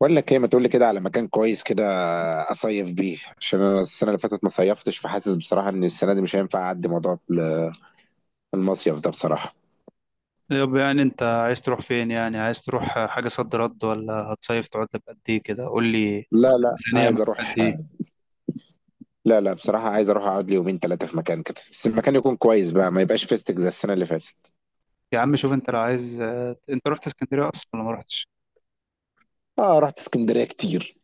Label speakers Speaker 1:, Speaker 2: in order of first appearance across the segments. Speaker 1: بقول لك ايه، ما تقول لي كده على مكان كويس كده اصيف بيه عشان انا السنه اللي فاتت ما صيفتش، فحاسس بصراحه ان السنه دي مش هينفع اعدي موضوع المصيف ده بصراحه.
Speaker 2: طب يعني انت عايز تروح فين؟ يعني عايز تروح حاجة صد رد ولا هتصيف؟ تقعد لك قد ايه كده؟ قول لي.
Speaker 1: لا لا،
Speaker 2: ميزانية
Speaker 1: عايز
Speaker 2: معاك
Speaker 1: اروح.
Speaker 2: قد ايه؟
Speaker 1: لا لا، بصراحه عايز اروح اقعد لي يومين ثلاثه في مكان كده، بس المكان يكون كويس بقى ما يبقاش فيستك زي السنه اللي فاتت.
Speaker 2: يا عم شوف انت لو عايز. انت رحت اسكندرية اصلا ولا ما رحتش؟
Speaker 1: اه، رحت اسكندريه كتير.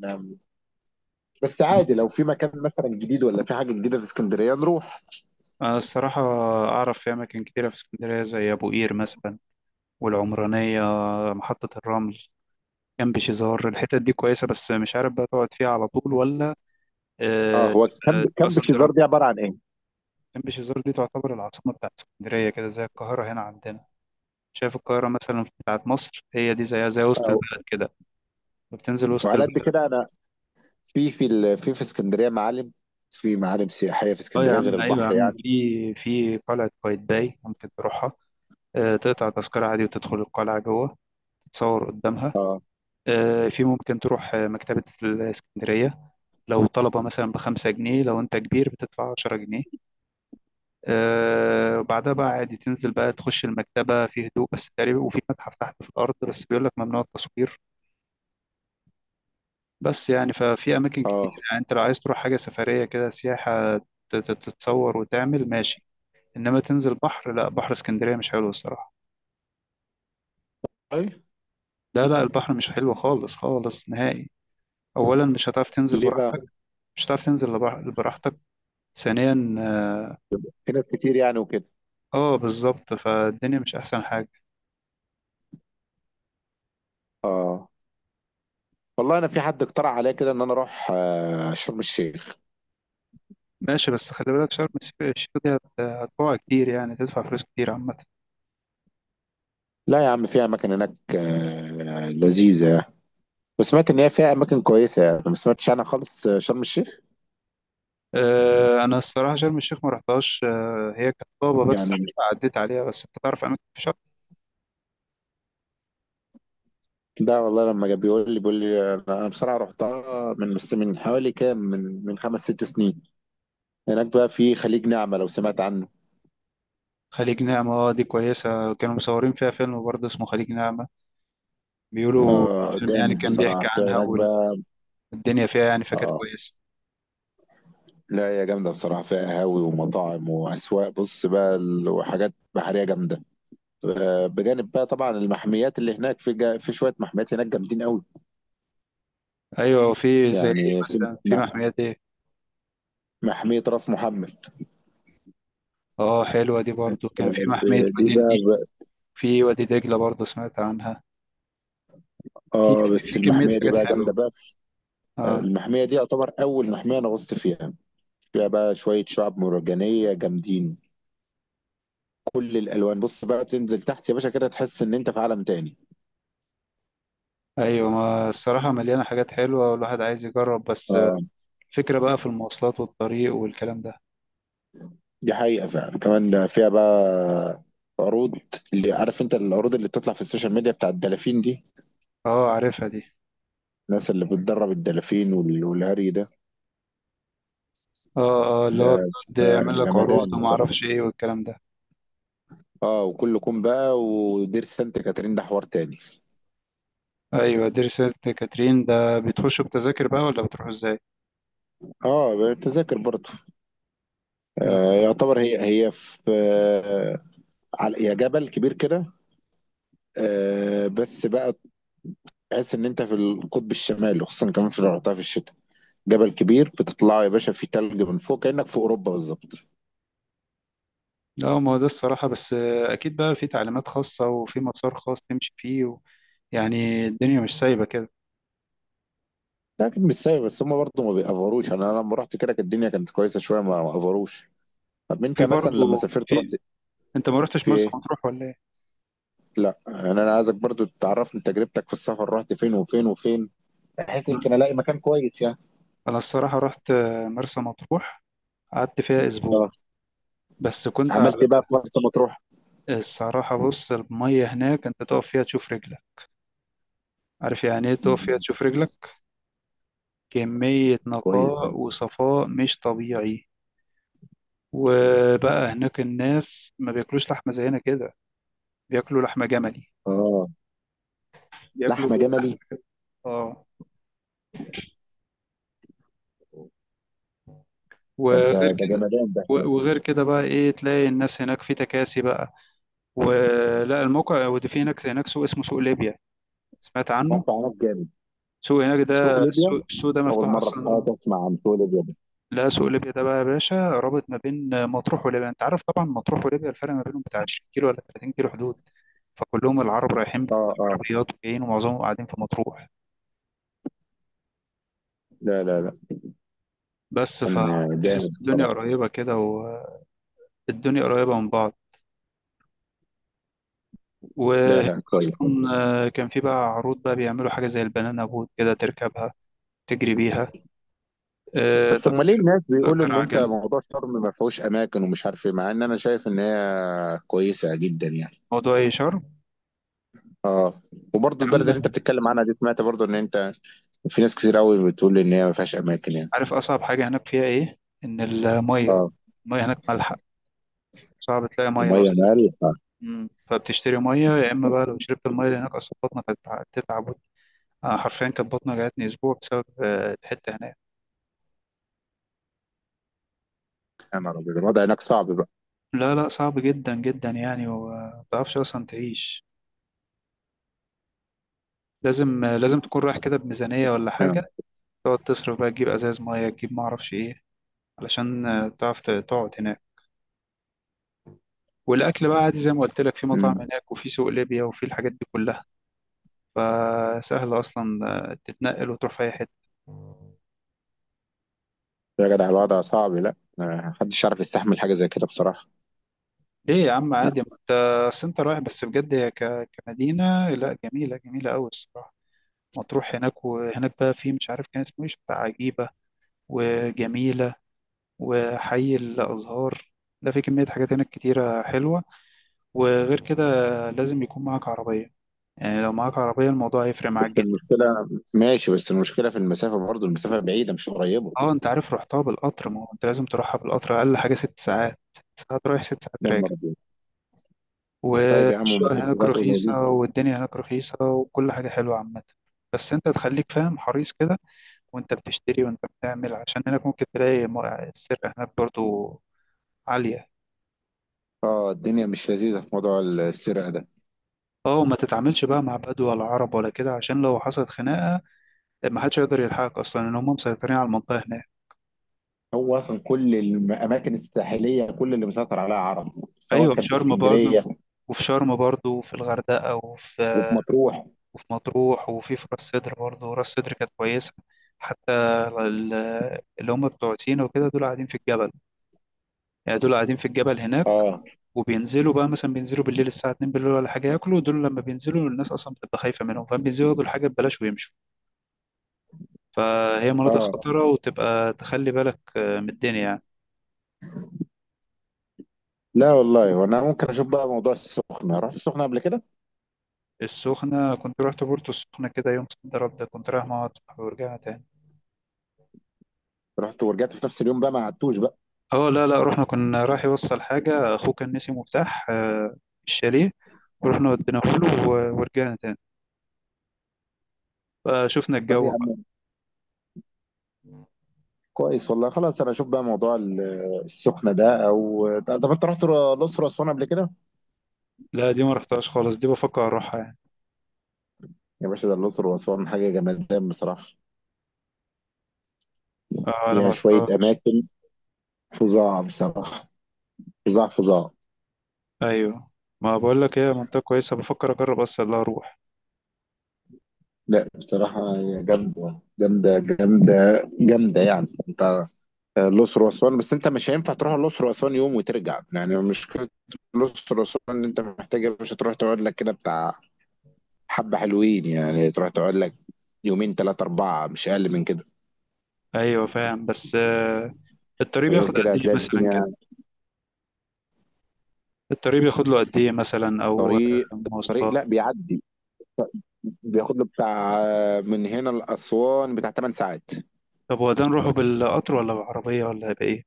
Speaker 1: نعم. بس عادي لو في مكان مثلا جديد ولا في حاجه جديده في اسكندريه نروح.
Speaker 2: انا الصراحة اعرف في اماكن كتيرة في اسكندرية، زي ابو قير مثلا، والعمرانية، محطة الرمل، جنب شيزار. الحتت دي كويسة، بس مش عارف بقى تقعد فيها على طول ولا.
Speaker 1: اه،
Speaker 2: اه،
Speaker 1: هو كامب
Speaker 2: تبقى
Speaker 1: كامب
Speaker 2: صد
Speaker 1: شيزار
Speaker 2: رد.
Speaker 1: دي عباره عن ايه؟
Speaker 2: جنب شيزار دي تعتبر العاصمة بتاعت اسكندرية، كده زي القاهرة هنا عندنا. شايف القاهرة مثلا بتاعت مصر، هي دي زيها زي وسط
Speaker 1: آه،
Speaker 2: البلد كده، بتنزل وسط
Speaker 1: وعلى قد
Speaker 2: البلد.
Speaker 1: كده انا في اسكندريه معالم. في معالم سياحيه في
Speaker 2: اه يا
Speaker 1: اسكندريه غير
Speaker 2: عم، ايوه يا
Speaker 1: البحر
Speaker 2: عم،
Speaker 1: يعني؟
Speaker 2: في قلعة قايتباي ممكن تروحها. آه، تقطع تذكرة عادي وتدخل القلعة جوه، تتصور قدامها. آه، ممكن تروح مكتبة الإسكندرية. لو طلبة مثلا بخمسة جنيه، لو أنت كبير بتدفع عشرة جنيه. آه، وبعدها بقى عادي تنزل بقى تخش المكتبة في هدوء بس تقريبا، وفي متحف تحت في الأرض، بس بيقول لك ممنوع التصوير. بس يعني ففي اماكن كتير.
Speaker 1: اه.
Speaker 2: يعني انت لو عايز تروح حاجه سفريه كده، سياحه، تتصور وتعمل ماشي. انما تنزل بحر، لا، بحر اسكندريه مش حلو الصراحه.
Speaker 1: اي.
Speaker 2: لا لا، البحر مش حلو خالص خالص نهائي. اولا مش هتعرف تنزل
Speaker 1: ليه بقى؟
Speaker 2: براحتك. مش هتعرف تنزل براحتك. ثانيا اه،
Speaker 1: في ناس كتير يعني وكده.
Speaker 2: آه، بالظبط، فالدنيا مش احسن حاجه.
Speaker 1: اه. والله انا في حد اقترح عليا كده ان انا اروح شرم الشيخ.
Speaker 2: ماشي، بس خلي بالك شرم الشيخ. هتقع كتير، يعني تدفع فلوس كتير عامه.
Speaker 1: لا يا عم، في اماكن هناك لذيذه يعني. وسمعت ان هي فيها اماكن كويسه يعني ما سمعتش عنها خالص شرم الشيخ.
Speaker 2: آه، انا الصراحه شرم الشيخ ما رحتهاش. آه، هي كانت طابه بس،
Speaker 1: يعني.
Speaker 2: عديت عليها. بس انت تعرف اماكن في شرم.
Speaker 1: ده والله، لما جاب بيقول لي، انا بصراحه رحتها من حوالي كام، من خمس ست سنين. هناك بقى في خليج نعمه لو سمعت عنه.
Speaker 2: خليج نعمة، اه، دي كويسة. كانوا مصورين فيها فيلم برضه اسمه خليج نعمة، بيقولوا
Speaker 1: اه،
Speaker 2: الفيلم يعني
Speaker 1: جامد
Speaker 2: كان
Speaker 1: بصراحه
Speaker 2: بيحكي
Speaker 1: في
Speaker 2: عنها.
Speaker 1: هناك بقى.
Speaker 2: والدنيا فيها يعني فكانت
Speaker 1: اه،
Speaker 2: كويسة.
Speaker 1: لا هي جامدة بصراحة، فيها قهاوي ومطاعم وأسواق بص بقى وحاجات بحرية جامدة. بجانب بقى طبعا المحميات اللي هناك في في شوية محميات هناك جامدين قوي.
Speaker 2: أيوة، وفي زي إيه
Speaker 1: يعني في
Speaker 2: مثلا؟ في محميات إيه؟
Speaker 1: محمية راس محمد.
Speaker 2: اه، حلوة دي برضه. كان في محمية
Speaker 1: دي
Speaker 2: وادي
Speaker 1: بقى
Speaker 2: النيل. في وادي دجلة برضه سمعت عنها. في
Speaker 1: اه بس
Speaker 2: في كمية
Speaker 1: المحمية دي
Speaker 2: حاجات
Speaker 1: بقى جامدة
Speaker 2: حلوة.
Speaker 1: بقى.
Speaker 2: اه.
Speaker 1: المحمية دي يعتبر أول محمية أنا غصت فيها. فيها بقى شوية شعاب مرجانية جامدين. كل الألوان بص بقى تنزل تحت يا باشا كده، تحس إن أنت في عالم تاني.
Speaker 2: أيوة، ما الصراحة مليانة حاجات حلوة، والواحد عايز يجرب. بس
Speaker 1: آه.
Speaker 2: الفكرة بقى في المواصلات والطريق والكلام ده.
Speaker 1: دي حقيقة فعلا، كمان ده فيها بقى عروض. اللي عارف انت العروض اللي بتطلع في السوشيال ميديا بتاع الدلافين دي.
Speaker 2: اه، عارفها دي.
Speaker 1: الناس اللي بتدرب الدلافين والهري ده.
Speaker 2: اه اه، اللي
Speaker 1: ده
Speaker 2: هو بيقعد
Speaker 1: بيبقى
Speaker 2: يعمل لك عروض
Speaker 1: جمدان بصراحة.
Speaker 2: ومعرفش ايه والكلام ده.
Speaker 1: اه، وكل كوم بقى، ودير سانت كاترين ده حوار تاني.
Speaker 2: ايوه، دير سانت كاترين ده بتخشوا بتذاكر بقى ولا بتروحوا ازاي؟
Speaker 1: اه، تذاكر برضه.
Speaker 2: آه.
Speaker 1: آه، يعتبر هي هي في على هي جبل كبير كده. آه، بس بقى تحس ان انت في القطب الشمالي، خصوصا كمان في لو رحتها في الشتاء. جبل كبير بتطلعه يا باشا، فيه تلج من فوق كأنك في اوروبا بالظبط.
Speaker 2: لا، ما هو ده الصراحه، بس آه، اكيد بقى في تعليمات خاصه وفي مسار خاص تمشي فيه و... يعني الدنيا مش سايبه كده.
Speaker 1: ده اكيد مش سايب، بس هم برضه ما بيأفروش. انا لما رحت كده كانت الدنيا كانت كويسه شويه، ما افروش. طب انت
Speaker 2: في
Speaker 1: مثلا لما
Speaker 2: برضه
Speaker 1: سافرت،
Speaker 2: في.
Speaker 1: رحت
Speaker 2: انت ما رحتش
Speaker 1: في
Speaker 2: مرسى
Speaker 1: ايه؟
Speaker 2: مطروح ولا ايه؟
Speaker 1: لا يعني انا عايزك برضه تعرفني تجربتك في السفر، رحت فين وفين وفين، بحيث
Speaker 2: لا.
Speaker 1: يمكن الاقي مكان كويس يعني.
Speaker 2: انا الصراحه رحت مرسى مطروح، قعدت فيها اسبوع،
Speaker 1: اه،
Speaker 2: بس كنت
Speaker 1: عملت
Speaker 2: على.
Speaker 1: ايه بقى في مرسى مطروح؟
Speaker 2: الصراحه بص، الميه هناك انت تقف فيها تشوف رجلك. عارف يعني ايه تقف فيها
Speaker 1: مم.
Speaker 2: تشوف رجلك؟ كميه
Speaker 1: كويس.
Speaker 2: نقاء وصفاء مش طبيعي. وبقى هناك الناس ما بياكلوش لحمة زينا كده، بياكلوا لحمة جملي،
Speaker 1: اه،
Speaker 2: بياكلوا
Speaker 1: لحمه
Speaker 2: لحمة،
Speaker 1: جملي.
Speaker 2: اه.
Speaker 1: طب
Speaker 2: وغير
Speaker 1: ده
Speaker 2: كده،
Speaker 1: جمدان ده.
Speaker 2: وغير كده بقى ايه، تلاقي الناس هناك في تكاسي بقى ولا الموقع ودي. في هناك، هناك سوق اسمه سوق ليبيا، سمعت عنه؟
Speaker 1: رحت هناك جامد.
Speaker 2: سوق هناك، ده
Speaker 1: سوق ليبيا.
Speaker 2: السوق ده
Speaker 1: اول
Speaker 2: مفتوح
Speaker 1: مره في
Speaker 2: اصلا آه.
Speaker 1: حياتي اسمع عن سوق ليبيا ده.
Speaker 2: لا، سوق ليبيا ده بقى يا باشا رابط ما بين مطروح وليبيا. انت عارف طبعا مطروح وليبيا الفرق ما بينهم بتاع 20 كيلو ولا 30 كيلو، حدود. فكلهم العرب رايحين
Speaker 1: اه، اه.
Speaker 2: بالعربيات وجايين، ومعظمهم قاعدين في مطروح.
Speaker 1: لا، لا، لا.
Speaker 2: بس
Speaker 1: كان
Speaker 2: فتحس
Speaker 1: جامد
Speaker 2: الدنيا
Speaker 1: طبعا.
Speaker 2: قريبة كده، والدنيا قريبة من بعض.
Speaker 1: لا
Speaker 2: وهناك
Speaker 1: لا، كويس.
Speaker 2: أصلا آه، كان في بقى عروض بقى بيعملوا حاجة زي البنانا بوت كده، تركبها تجري بيها. آه،
Speaker 1: بس امال ليه الناس بيقولوا
Speaker 2: تأجر
Speaker 1: ان انت
Speaker 2: عجل.
Speaker 1: موضوع شرم ما فيهوش اماكن ومش عارف ايه، مع ان انا شايف ان هي كويسه جدا يعني.
Speaker 2: موضوع إيه شرم؟
Speaker 1: اه، وبرضه
Speaker 2: يا
Speaker 1: البلد اللي انت
Speaker 2: عم،
Speaker 1: بتتكلم عنها دي، سمعت برضه ان انت في ناس كتير قوي بتقول ان هي ما فيهاش اماكن يعني.
Speaker 2: عارف أصعب حاجة هناك فيها إيه؟ إن المية.
Speaker 1: اه،
Speaker 2: المية هناك مالحة، صعب تلاقي مية
Speaker 1: الميه
Speaker 2: أصلا.
Speaker 1: مالحه.
Speaker 2: فبتشتري مية. يا إما بقى لو شربت المية اللي هناك أصلا، بطنك هتتعب. آه، حرفيا كانت بطني جاتني أسبوع بسبب الحتة هناك.
Speaker 1: يا نهار ابيض، الوضع هناك صعب بقى.
Speaker 2: لا لا، صعب جدا جدا يعني، وما تعرفش اصلا تعيش. لازم، لازم تكون رايح كده بميزانية ولا
Speaker 1: يا
Speaker 2: حاجة، تقعد تصرف بقى، تجيب ازاز مية، تجيب ما اعرفش ايه، علشان تعرف تقعد هناك. والاكل بقى عادي زي ما قلت لك، في مطاعم
Speaker 1: مم.
Speaker 2: هناك، وفي سوق ليبيا، وفي الحاجات دي كلها، فسهل اصلا تتنقل وتروح في اي حتة.
Speaker 1: يا جدع، الوضع صعب، لا ما حدش يعرف يستحمل حاجه زي كده بصراحه.
Speaker 2: ليه يا عم
Speaker 1: لا،
Speaker 2: عادي؟ ما انت اصل انت رايح. بس بجد هي كمدينة لا، جميلة، جميلة قوي الصراحة مطروح. هناك وهناك بقى في مش عارف كان اسمه ايه، شط عجيبة، وجميلة، وحي الأزهار، ده في كمية حاجات هناك كتيرة حلوة. وغير كده لازم يكون معاك عربية. يعني لو معاك عربية الموضوع هيفرق
Speaker 1: بس
Speaker 2: معاك جدا.
Speaker 1: المشكله ماشي، بس المشكله في المسافه برضه، المسافه بعيده مش قريبه.
Speaker 2: اه، انت عارف رحتها بالقطر، ما هو انت لازم تروحها بالقطر. أقل حاجة ست ساعات، ست ساعات رايح ست ساعات
Speaker 1: يا
Speaker 2: راجع.
Speaker 1: نهار ابيض. طيب يا عم،
Speaker 2: والشغل
Speaker 1: المسافه
Speaker 2: هناك
Speaker 1: بتاعته
Speaker 2: رخيصة،
Speaker 1: قليله.
Speaker 2: والدنيا هناك رخيصة، وكل حاجة حلوة عامة. بس انت تخليك فاهم، حريص كده وانت بتشتري وانت بتعمل، عشان هناك ممكن تلاقي السرقة هناك برضو عالية.
Speaker 1: اه، الدنيا مش لذيذة في موضوع السرقة ده.
Speaker 2: اه، وما تتعاملش بقى مع بدو ولا عرب ولا كده، عشان لو حصلت خناقة ما حدش يقدر يلحقك اصلا، ان هم مسيطرين على المنطقه هناك.
Speaker 1: هو اصلا كل الاماكن الساحليه كل اللي مسيطر عليها عرب، سواء
Speaker 2: ايوه، في
Speaker 1: كان في
Speaker 2: شرم برضه،
Speaker 1: اسكندريه
Speaker 2: وفي شرم برضه، وفي الغردقه،
Speaker 1: وفي مطروح.
Speaker 2: وفي مطروح، وفي راس سدر برضه. راس سدر كانت كويسه حتى. ال- اللي هم بتوع سينا وكده، دول قاعدين في الجبل، يعني دول قاعدين في الجبل هناك.
Speaker 1: اه،
Speaker 2: وبينزلوا بقى مثلا، بينزلوا بالليل الساعة 2 بالليل ولا حاجة، ياكلوا. دول لما بينزلوا الناس أصلا بتبقى خايفة منهم، فبينزلوا ياكلوا الحاجة ببلاش ويمشوا. فهي مناطق
Speaker 1: اه.
Speaker 2: خطيرة، وتبقى تخلي بالك من الدنيا يعني.
Speaker 1: لا والله، وانا ممكن اشوف بقى موضوع السخنة، رحت السخنة قبل كده.
Speaker 2: السخنة كنت رحت بورتو السخنة كده يوم صد رد، ده كنت رايح مع واحد صاحبي ورجعها تاني.
Speaker 1: رحت ورجعت في نفس اليوم بقى، ما قعدتوش بقى.
Speaker 2: اه لا لا، رحنا كنا رايح يوصل حاجة، أخوه كان نسي مفتاح الشاليه، ورحنا وديناه له ورجعنا تاني، فشفنا
Speaker 1: طب
Speaker 2: الجو
Speaker 1: يا
Speaker 2: بقى.
Speaker 1: عم كويس، والله خلاص انا اشوف بقى موضوع السخنة ده، او طب انت رحت الاقصر واسوان قبل كده؟
Speaker 2: لا، دي ما رحتهاش خالص، دي بفكر أروحها يعني.
Speaker 1: يا باشا، ده الاقصر واسوان حاجة جمدان بصراحة.
Speaker 2: اه لا،
Speaker 1: فيها
Speaker 2: ما
Speaker 1: شوية
Speaker 2: رحتهاش.
Speaker 1: اماكن فظاع بصراحة، فظاع فظاع.
Speaker 2: أيوه، ما بقول لك هي منطقة كويسة بفكر أجرب أصلا لا أروح.
Speaker 1: لا بصراحة، هي جامدة جامدة جامدة جامدة يعني. انت الأقصر وأسوان، بس انت مش هينفع تروح الأقصر وأسوان يوم وترجع، يعني مشكلة الأقصر وأسوان ان انت محتاج مش هتروح تقعد لك كده بتاع حبة حلوين، يعني تروح تقعد لك يومين ثلاثة أربعة، مش أقل من كده.
Speaker 2: أيوه فاهم، بس آه، الطريق
Speaker 1: غير
Speaker 2: بياخد
Speaker 1: كده
Speaker 2: قد إيه
Speaker 1: هتلاقي
Speaker 2: مثلا
Speaker 1: الدنيا.
Speaker 2: كده؟ الطريق بياخد له قد إيه مثلا؟ أو آه،
Speaker 1: الطريق
Speaker 2: مواصلات؟
Speaker 1: لا بيعدي، بياخد له بتاع من هنا لأسوان بتاع 8 ساعات.
Speaker 2: طب هو ده نروحه بالقطر ولا بالعربية ولا بإيه؟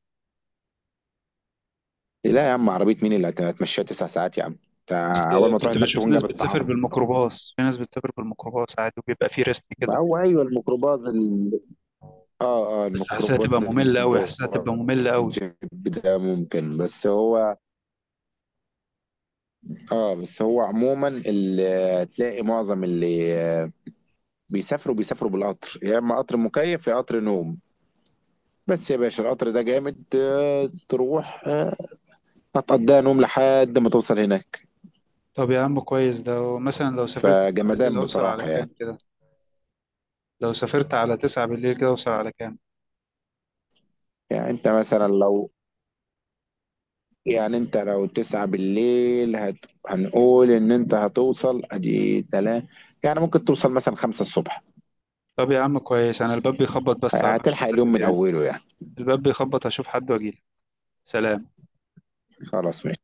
Speaker 1: لا يا عم، عربية مين اللي هتمشيها 9 ساعات يا عم انت!
Speaker 2: كنت،
Speaker 1: أول ما تروح
Speaker 2: كنت
Speaker 1: هناك
Speaker 2: بشوف
Speaker 1: تكون
Speaker 2: ناس
Speaker 1: جابت
Speaker 2: بتسافر
Speaker 1: طعام.
Speaker 2: بالميكروباص. في ناس بتسافر بالميكروباص عادي، وبيبقى فيه ريست كده،
Speaker 1: هو ايوه، الميكروباص اه، اه،
Speaker 2: بس حاسسها تبقى
Speaker 1: الميكروباص
Speaker 2: مملة أوي،
Speaker 1: اللي
Speaker 2: حاسسها
Speaker 1: هو
Speaker 2: تبقى مملة أوي.
Speaker 1: الجيب ده ممكن. بس هو، اه، بس هو عموما اللي تلاقي، معظم اللي بيسافروا بالقطر، يا اما قطر مكيف يا قطر نوم. بس يا باشا القطر ده جامد، تروح هتقضيها نوم لحد ما توصل هناك.
Speaker 2: طب يا عم كويس، ده مثلا لو سافرت 9 بالليل
Speaker 1: فجمدان
Speaker 2: هوصل على
Speaker 1: بصراحة
Speaker 2: كام
Speaker 1: يعني.
Speaker 2: كده؟ لو سافرت على 9 بالليل كده هوصل على كام؟
Speaker 1: يعني انت مثلا لو يعني انت لو 9 بالليل هنقول ان انت هتوصل ادي 3، يعني ممكن توصل مثلا 5 الصبح.
Speaker 2: طب يا عم كويس، أنا الباب بيخبط بس، هروح أشوف
Speaker 1: هتلحق
Speaker 2: حد
Speaker 1: اليوم من
Speaker 2: تاني.
Speaker 1: اوله يعني.
Speaker 2: الباب بيخبط، أشوف حد وأجيلك. سلام.
Speaker 1: خلاص ماشي.